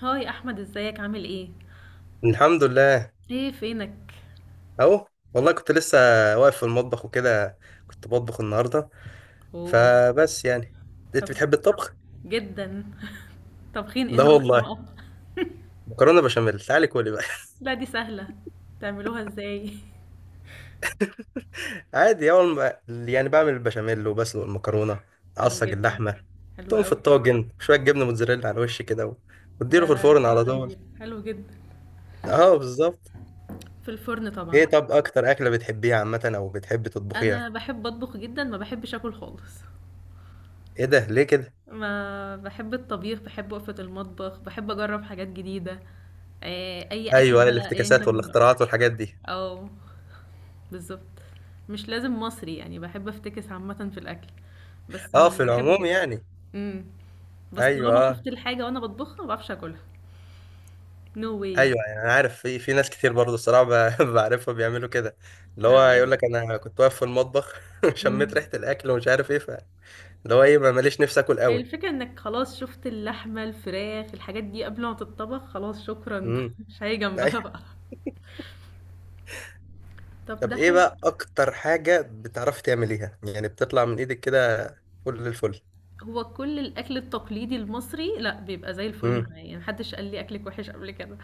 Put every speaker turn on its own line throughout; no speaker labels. هاي احمد، ازيك؟ عامل ايه؟
الحمد لله.
ايه؟ فينك؟
اهو والله كنت لسه واقف في المطبخ وكده، كنت بطبخ النهارده.
اوه.
فبس يعني، انت
طب
بتحب الطبخ؟
جدا طبخين ايه
لا
النهارده
والله،
بقى؟
مكرونه بشاميل، تعالي كولي بقى.
لا دي سهله، تعملوها ازاي؟
عادي، اول ما يعني بعمل البشاميل وبسلق المكرونه،
حلو
اعصج
جدا.
اللحمه،
حلو
توم في
قوي.
الطاجن، شويه جبنه موتزاريلا على الوش كده
ده
واديله في الفرن على
خبره
طول.
كبيره، حلو جدا.
اه بالظبط.
في الفرن
ايه؟
طبعا.
طب اكتر اكله بتحبيها عامه او بتحبي تطبخيها؟
انا بحب اطبخ جدا، ما بحبش اكل خالص.
ايه ده ليه كده؟
ما بحب الطبيخ، بحب وقفه المطبخ، بحب اجرب حاجات جديده. آه، اي اكل
ايوه،
بقى ايا
الافتكاسات
كان نوعه.
والاختراعات والحاجات دي.
اه بالضبط. مش لازم مصري، يعني باحب أفتكس عامةً في الأكل، بس
اه
ما
في
باحبش
العموم
آكل.
يعني.
إمم. بس
ايوه
طالما شُفت
آه.
الحاجة وأنا باطبخها ما باعرفش آكلها no way
ايوه
بقى.
يعني انا عارف، في ناس كتير برضه الصراحه، بعرفها بيعملوا كده، اللي هو
بابقى.
يقول لك انا كنت واقف في المطبخ شميت
إمم.
ريحه الاكل ومش عارف ايه، ف اللي هو ايه، ما ماليش نفسي اكل قوي.
الفكرة إنّك خلاص شُفت اللحمة، الفراخ، الحاجات دي قبل ما تتطبخ، خلاص شكرًا،
امم
مش هاجي جنبها
أيوة.
بقى. طب
طب
ده
ايه
حلو.
بقى اكتر حاجه بتعرفي تعمليها، يعني بتطلع من ايدك كده؟ فل الفل.
هو كل الأكل التقليدي المصري لأ، بيبقى زي الفل
امم.
معايا، ما حدش قال لي أكلِك وِحِش قبل كده،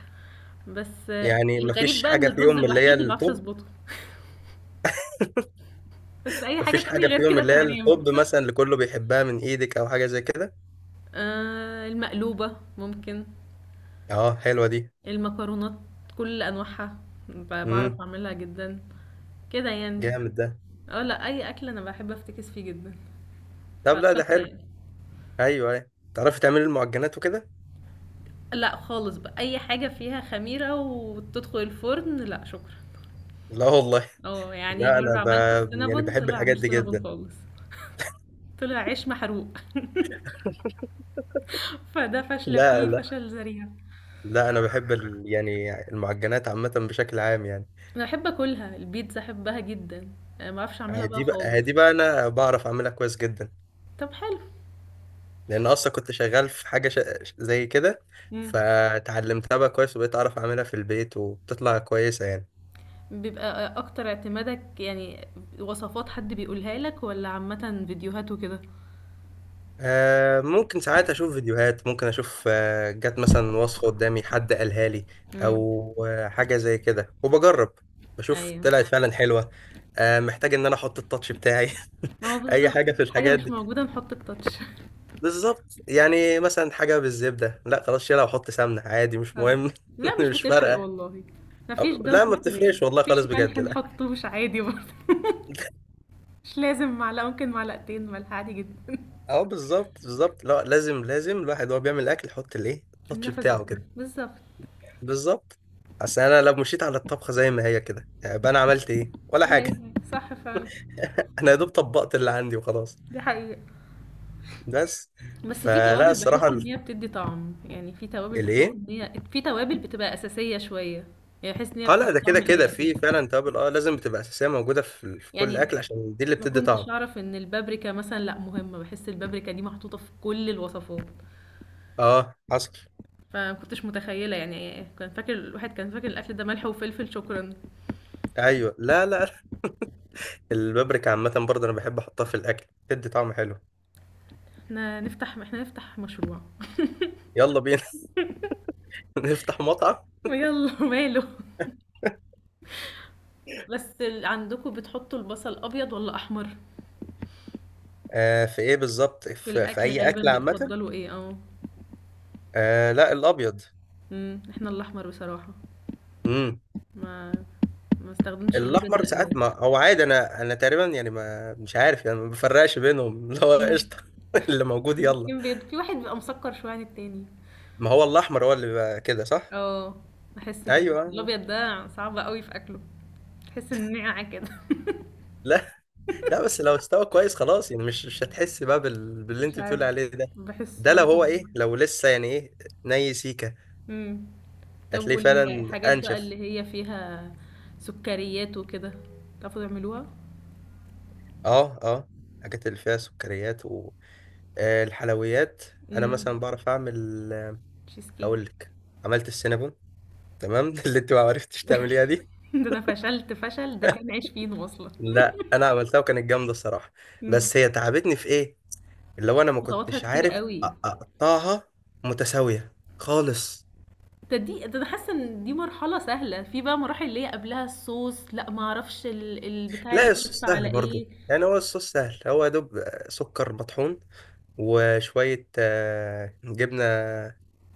بس
يعني
الغريب
مفيش
بقى إن
حاجه
الرُز
فيهم اللي
الوحيد
هي
اللي ما باعرفش
التوب؟
أضبطه، بس أي حاجة
مفيش
تانية
حاجه
غير
فيهم
كده
اللي هي
تمام.
التوب مثلا، اللي كله بيحبها من ايدك او حاجه زي كده؟
آه، المقلوبة ممكن.
اه حلوه دي.
المكرونات كل أنواعها بعرف
امم.
أعملها جدا كده يعني.
جامد ده.
اه لا، أي أكل أنا بحب أفتكس فيه جدا،
طب لا ده
فشاطرة
حلو.
يعني.
ايوه ايوه، تعرفي تعملي المعجنات وكده؟
لا، خالص بقى أي حاجة فيها خميرة وتدخل الفرن لا شكرا.
لا والله.
اه يعني
لا انا
مرة عملت
يعني
السينابون
بحب
طلع
الحاجات
مش
دي
سينابون
جدا.
خالص. طلع عيش محروق. فده فاشلة فيه، لا
لا
لا
لا
فشل ذريع.
لا، انا
لا انا
بحب
بحب
يعني المعجنات عامه بشكل عام يعني.
أنا بحب أكلها، البيتزا أحبها جدا. معرفش أعملها بقى
دي بقى
خالص.
دي بقى انا بعرف اعملها كويس جدا،
طب حلو.
لان اصلا كنت شغال في حاجه زي كده،
مم.
فتعلمتها بقى كويس، وبقيت اعرف اعملها في البيت وبتطلع كويسه يعني.
بيبقى اكتر اعتمادك يعني وصفات حد بيقولها لك ولا عامة فيديوهات وكده؟
آه ممكن ساعات اشوف فيديوهات، ممكن اشوف، جت مثلا وصفة قدامي حد قالها لي،
امم.
او حاجة زي كده، وبجرب بشوف
ايوه.
طلعت فعلا حلوة. آه، محتاج ان انا احط التاتش بتاعي
ما هو
اي
بالظبط،
حاجة في
حاجة
الحاجات
مش
دي.
موجودة نحط التاتش
بالظبط، يعني مثلا حاجة بالزبدة، لا خلاص شيلها وحط سمنة عادي، مش
بس
مهم.
لا مش
مش
بتفرق
فارقة.
والله. مفيش ده
لا ما
نحط غيره،
بتفرقش والله
مفيش
خالص،
ملح
بجد لا.
نحطه مش عادي برضه. مش لازم معلقة، ممكن معلقتين ملح عادي جدا.
اه بالظبط بالظبط، لا لازم لازم الواحد وهو بيعمل الاكل يحط الايه، التاتش
النفس
بتاعه
بتاعي
كده.
بالظبط.
بالظبط. اصل انا لو مشيت على الطبخه زي ما هي كده يعني، يبقى انا عملت ايه ولا
ولا اي
حاجه.
حاجة، صح فعلا.
انا يا دوب طبقت اللي عندي وخلاص.
دي حقيقة.
بس.
بس في
فلا
توابل
الصراحه،
بحس ان هي بتدي طعم، يعني في توابل بحس
الايه.
ان هي في توابل بتبقى اساسيه شويه. يعني بحس ان هي
اه
بتدي
لا، ده كده
طعم
كده
لاي اكل.
في فعلا توابل، لازم بتبقى اساسيه موجوده في كل
يعني
اكل، عشان دي اللي
ما
بتدي طعم.
كنتش اعرف ان البابريكا مثلا لا مهمه، بحس البابريكا دي محطوطه في كل الوصفات.
اه حصل.
فما كنتش متخيله، يعني كان فاكر الواحد كان فاكر الاكل ده ملح وفلفل شكرا.
ايوه لا لا، البابريكا عامه برضه انا بحب احطها في الاكل، بتدي طعم حلو.
احنا نفتح مشروع.
يلا بينا. نفتح مطعم.
ويلا ماله. بس عندكم بتحطوا البصل ابيض ولا احمر؟
آه في ايه بالظبط،
في
في
الاكل
اي
غالبا
اكل عامه؟
بتفضلوا ايه؟ اه.
آه لا، الابيض.
امم، احنا الاحمر بصراحه.
إمم.
ما ما استخدمش الابيض
الاحمر ساعات،
القليل.
ما هو عادي، انا تقريبا يعني، ما مش عارف يعني، ما بفرقش بينهم اللي هو
مم.
قشطه، اللي موجود يلا.
الاتنين بيض، في واحد بيبقى مسكر شويه عن التاني.
ما هو الاحمر هو اللي بيبقى كده، صح؟
اه، بحس كده
ايوه
الابيض ده صعب قوي في اكله، تحس ان نقع كده
لا لا، بس لو استوى كويس خلاص، يعني مش هتحس بقى باللي
مش
انت بتقول
عارف،
عليه ده.
بحس
ده لو هو
باخد.
ايه، لو لسه يعني ايه، ني سيكه،
امم. طب
هتلاقيه فعلا
والحاجات بقى
انشف.
اللي هي فيها سكريات وكده، تعرفوا تعملوها؟
اه اه. الحاجات اللي فيها سكريات والحلويات، انا
امم.
مثلا بعرف اعمل.
تشيز
هقول
كيك.
لك، عملت السينابون تمام اللي انت ما عرفتش تعمليها دي.
ده انا فشلت فشل، ده كان عيش فينو اصلا.
لا انا عملتها وكانت جامده الصراحه.
امم.
بس هي تعبتني في ايه، اللي هو انا ما
خطواتها
كنتش
كتير
عارف
قوي.
اقطعها متساويه خالص.
ده انا حاسه ان دي مرحله سهله، في بقى مراحل اللي هي قبلها الصوص لا، ما اعرفش البتاع
لا الصوص
القرف
سهل
على
برضه،
ايه.
يعني هو الصوص سهل، هو يا دوب سكر مطحون وشويه جبنه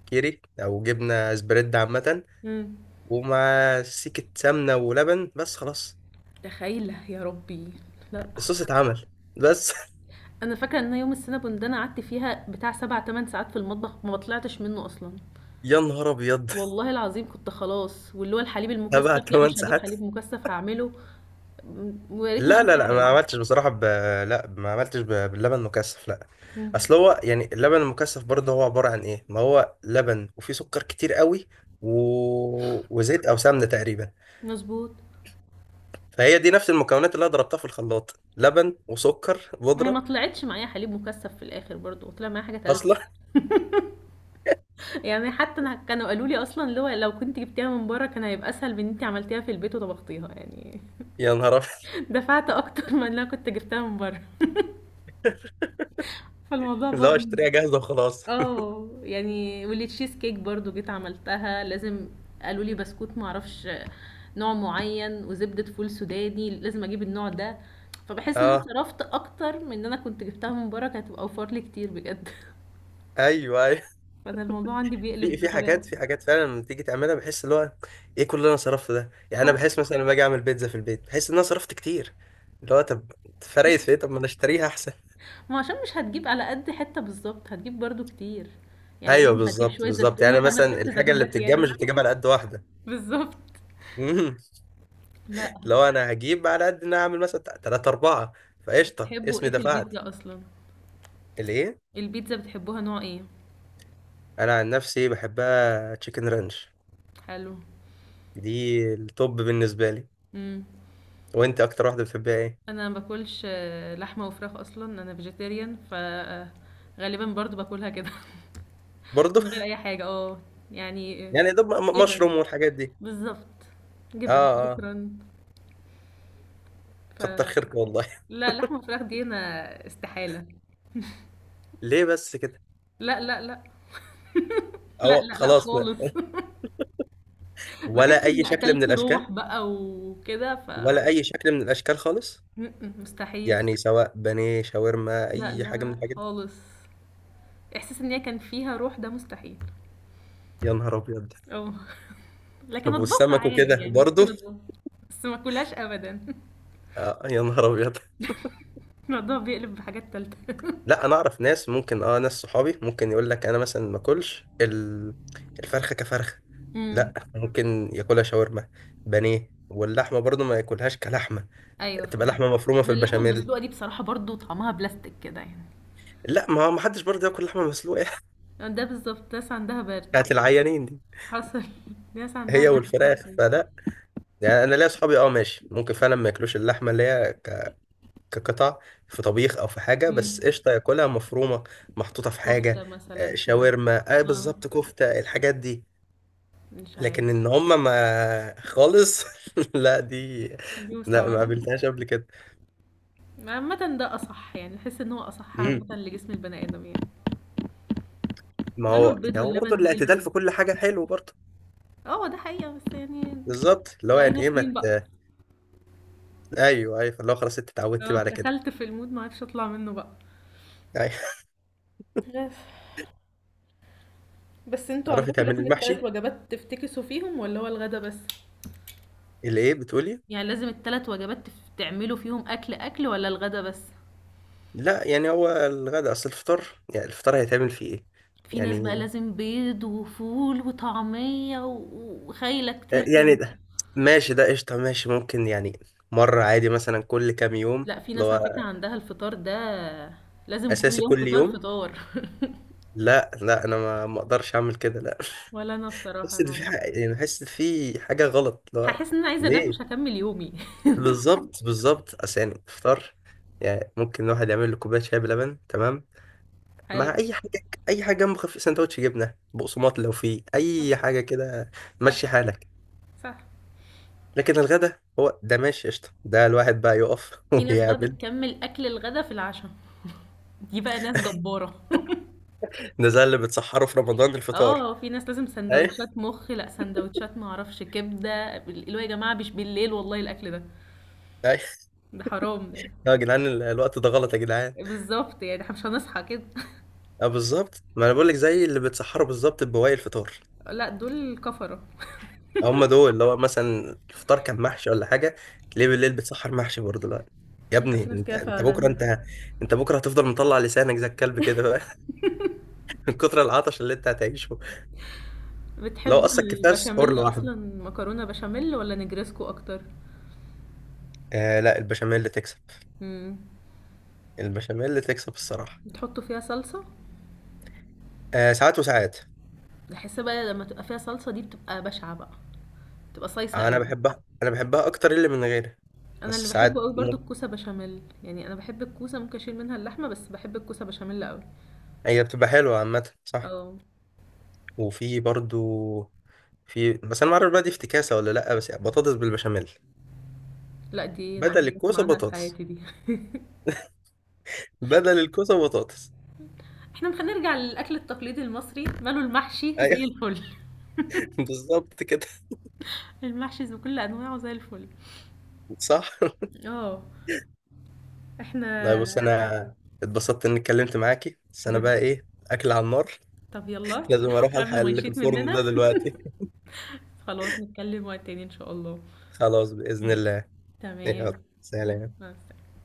كيري او جبنه سبريد عامه،
امم.
ومع سكه سمنه ولبن، بس خلاص.
تخيله يا ربي. لا
الصوص اتعمل، بس.
انا فاكره ان يوم السنابون ده انا قعدت فيها بتاع سبع تمن ساعات في المطبخ ما طلعتش منه اصلا.
يا نهار ابيض.
والله العظيم كنت خلاص، واللي هو الحليب
سبع
المكثف، لا
ثمان
مش هجيب
ساعات.
حليب مكثف هعمله. أمم، ويا ريتني
لا
عملت
لا
اي
لا، ما
حاجه.
عملتش بصراحة، لا ما عملتش باللبن مكثف لا.
أمم.
اصل هو يعني اللبن المكثف برضه، هو عبارة عن ايه، ما هو لبن وفيه سكر كتير قوي و... وزيت او سمنة تقريبا.
مظبوط.
فهي دي نفس المكونات اللي انا ضربتها في الخلاط، لبن وسكر
ما هي ما
بودرة.
طلعتش معايا حليب مكثف في الاخر، برضو طلع معايا حاجه تالته.
اصلا
يعني حتى انا كانوا قالوا لي اصلا لو كنت جبتيها من بره كان هيبقى اسهل من ان انت عملتيها في البيت وطبختيها يعني.
يا نهار ابيض.
دفعت اكتر من لو كنت جبتها من بره فالموضوع
اللي
باظ
هو
مني.
اشتريها جاهزة وخلاص.
اه يعني واللي تشيز كيك برضو جيت عملتها، لازم قالوا لي بسكوت معرفش نوع معين وزبدة فول سوداني لازم اجيب النوع ده. فبحس ان انا
اه
صرفت اكتر من ان انا كنت جبتها من بره، كانت هتبقى اوفر لي كتير بجد
ايوه أيوه.
فده الموضوع عندي
في
بيقلب
في
بطريقة.
حاجات في حاجات فعلا لما تيجي تعملها، بحس اللي هو ايه كل اللي انا صرفته ده، يعني انا
حاسة.
بحس مثلا لما باجي اعمل بيتزا في البيت بحس ان انا صرفت كتير. اللي هو طب فرقت في ايه، طب ما انا اشتريها احسن.
ما عشان مش هتجيب على قد حتة بالظبط، هتجيب برضو كتير. يعني
ايوه
لازم هتجيب
بالظبط
شوية زيت،
بالظبط،
تقول له
يعني
خمس
مثلا
ست
الحاجه اللي
زيتونات
بتتجاب مش
يعني
بتجيب على قد واحده.
بالظبط.
مم.
لا
لو انا هجيب على قد ان انا اعمل مثلا ثلاثة اربعة، فقشطه
بتحبوا
اسمي
ايه في
دفعت.
البيتزا اصلا؟
الايه؟
البيتزا بتحبوها نوع ايه؟
انا عن نفسي بحبها تشيكن رانش،
حلو.
دي التوب بالنسبه لي.
امم.
وانت اكتر واحده بتحبها ايه؟
انا ما باكلش لحمة وفراخ اصلا، انا فيجيتيريان ف غالبا برضو باكلها كده
برضه.
من غير اي حاجة، اه يعني
يعني ده مشروم
جبن،
والحاجات دي.
بالظبط،
اه
جبن
آه.
شكرا.
كتر
ف.
خيرك والله.
لا، لحمة وفراخ دي انا استحالة.
ليه بس كده؟
لا لا لا، لا
أو
لا لا
خلاص بقى.
خالص
ولا
باحس
أي
إني
شكل من
قتلت
الأشكال،
روح بقى وكده ف.
ولا أي شكل من الأشكال خالص،
إمم، إمم، مستحيل.
يعني سواء بانيه شاورما
لأ، لا،
أي حاجة من
لأ
الحاجات دي.
خالص، إحساس إن هي كان فيها روح ده مستحيل.
يا نهار أبيض.
آه، لكن
طب
أطبخها
والسمك
عادي
وكده
يعني،
برضه؟
ممكن أطبخها، بس ما آكلهاش أبدًا
آه يا نهار أبيض.
الموضوع بيقلب بحاجات تالتة
لا أنا أعرف ناس، ممكن ناس صحابي ممكن يقول لك أنا مثلا ما أكلش الفرخة كفرخة،
إمم.
لا ممكن ياكلها شاورما بانيه، واللحمة برضه ما ياكلهاش كلحمة،
أيوه
تبقى
فاهمة.
لحمة مفرومة في
اللحمة
البشاميل.
المسلوقة دي بصراحة برضه طعمها بلاستيك كده يعني.
لا ما هو ما حدش برضه ياكل لحمة مسلوقة
آه، ده بالضبط، ناس عندها برد.
بتاعت العيانين دي،
حصل، ناس عندها
هي
برد
والفراخ
حرفيًا.
فلا. يعني انا ليا اصحابي، ماشي ممكن فعلا ما ياكلوش اللحمه اللي هي كقطع في طبيخ او في حاجه، بس
إمم.
قشطه ياكلها مفرومه محطوطه في حاجه.
كفتة مثلًا
آه،
كده.
شاورما،
آه.
بالظبط كفته الحاجات دي.
مش عارفة.
لكن ان هم ما خالص. لا دي.
دي
لا ما
مستبعدة؟
قابلتهاش قبل كده.
عامة ده أصح، يعني أحس إن هو أصح
مم.
عامة لجسم البني آدم يعني.
ما
ماله
هو
البيض
يعني هو برضه
واللبن زي
الاعتدال
الفل.
في كل حاجه حلو برضه.
اه ده حقيقة بس يعني
بالظبط، اللي هو يعني
بقالنا
ايه ما
سنين بقى.
ايوه ايوه، فاللي هو خلاص انت اتعودتي
اه
بعد كده.
دخلت في المود معرفش أطلع منه بقى.
أيوة.
عارف. بس انتوا
تعرفي
عندكم
تعملي
لازم التلات
المحشي
وجبات تفتكسوا فيهم ولا هو الغدا بس؟
اللي ايه بتقولي؟
يعني لازم التلات وجبات تعملوا فيهم أكل أكل ولا الغدا بس؟
لا يعني هو الغداء، اصل الفطار، يعني الفطار هيتعمل فيه ايه؟
في ناس بقى
يعني،
لازم بيض وفول وطعمية وخايلة كتير
يعني
كده.
ده ماشي، ده قشطة، ماشي ممكن يعني، مرة عادي مثلا كل كام يوم
لا في
اللي
ناس على
هو
فكرة عندها الفطار ده لازم كل
اساسي
يوم،
كل
فطار
يوم.
فطار
لا لا، انا ما اقدرش اعمل كده، لا.
ولا انا
بحس
بصراحة
ان في
انا
حاجة، يعني بحس ان في حاجة غلط اللي هو،
هحس ان انا عايزة انام
ليه؟
مش هكمل يومي
بالظبط بالظبط، اصل يعني الفطار، يعني ممكن الواحد يعمل له كوباية شاي بلبن تمام،
حلو.
مع اي حاجة، اي حاجة جنب خفيف، سندوتش جبنة بقسماط، لو فيه اي حاجة كده
صح،
مشي حالك.
صح.
لكن الغدا هو ده ماشي قشطة، ده الواحد بقى يقف
في ناس بقى
ويعمل.
بتكمل اكل الغدا في العشاء، دي بقى ناس جبارة
ده زي اللي بتسحره في رمضان الفطار.
اه في ناس لازم
ايوه
سندوتشات مخ لا سندوتشات معرفش كبدة، اللي هو يا جماعة مش بالليل والله الاكل ده،
ايوه.
ده حرام ده.
يا جدعان، الوقت ده غلط يا جدعان.
بالظبط، يعني احنا مش هنصحى كده
اه بالظبط، ما انا بقول لك زي اللي بتسحره بالظبط ببواقي الفطار.
لا دول كفرة.
آه، هم دول، اللي هو مثلا الفطار كان محشي ولا حاجة، تلاقيه بالليل بتسحر محشي برضه، لا. يا
لا في
ابني
ناس
انت
كده
انت بكره،
فعلا.
انت انت بكره هتفضل مطلع لسانك زي الكلب كده بقى من كتر العطش اللي انت هتعيشه. لو
بتحب
اصلا كفايه السحور
البشاميل
لوحده.
اصلا؟ مكرونة بشاميل ولا نجرسكو اكتر؟
آه لا، البشاميل اللي تكسب،
امم.
البشاميل اللي تكسب الصراحه.
بتحطوا فيها صلصة؟
آه ساعات وساعات.
بحس بقى لما تبقى فيها صلصة دي بتبقى بشعة بقى، بتبقى صيصة
انا
قوي.
بحبها انا بحبها اكتر اللي من غيرها.
انا اللي
بس
بحبه
ساعات
قوي برضو
مم.
الكوسة بشاميل، يعني انا بحب الكوسة ممكن اشيل منها اللحمة، بس بحب الكوسة بشاميل قوي.
هي بتبقى حلوه عامه، صح؟
اه.
وفي برضو، في بس انا ما اعرف بقى دي افتكاسه ولا لا، بس بطاطس بالبشاميل،
لا دي انا اول
بدل
مرة اسمع
الكوسه
عنها في
بطاطس،
حياتي دي.
بدل الكوسه بطاطس.
احنا مش هنرجع للاكل التقليدي المصري؟ ماله المحشي
ايوه.
زي الفل.
بالظبط كده.
المحشي بكل انواعه زي الفل.
صح.
اه
لا
احنا
بص انا اتبسطت اني اتكلمت معاكي، بس انا بقى
جدا.
ايه اكل على النار،
طب يلا
لازم اروح الحق
قبل ما
اللي في
يشيط
الفرن
مننا.
ده دلوقتي.
خلاص نتكلم وقت تاني ان شاء الله.
خلاص باذن
ماشي.
الله. يلا
تمام.
سلام.
مع السلامة.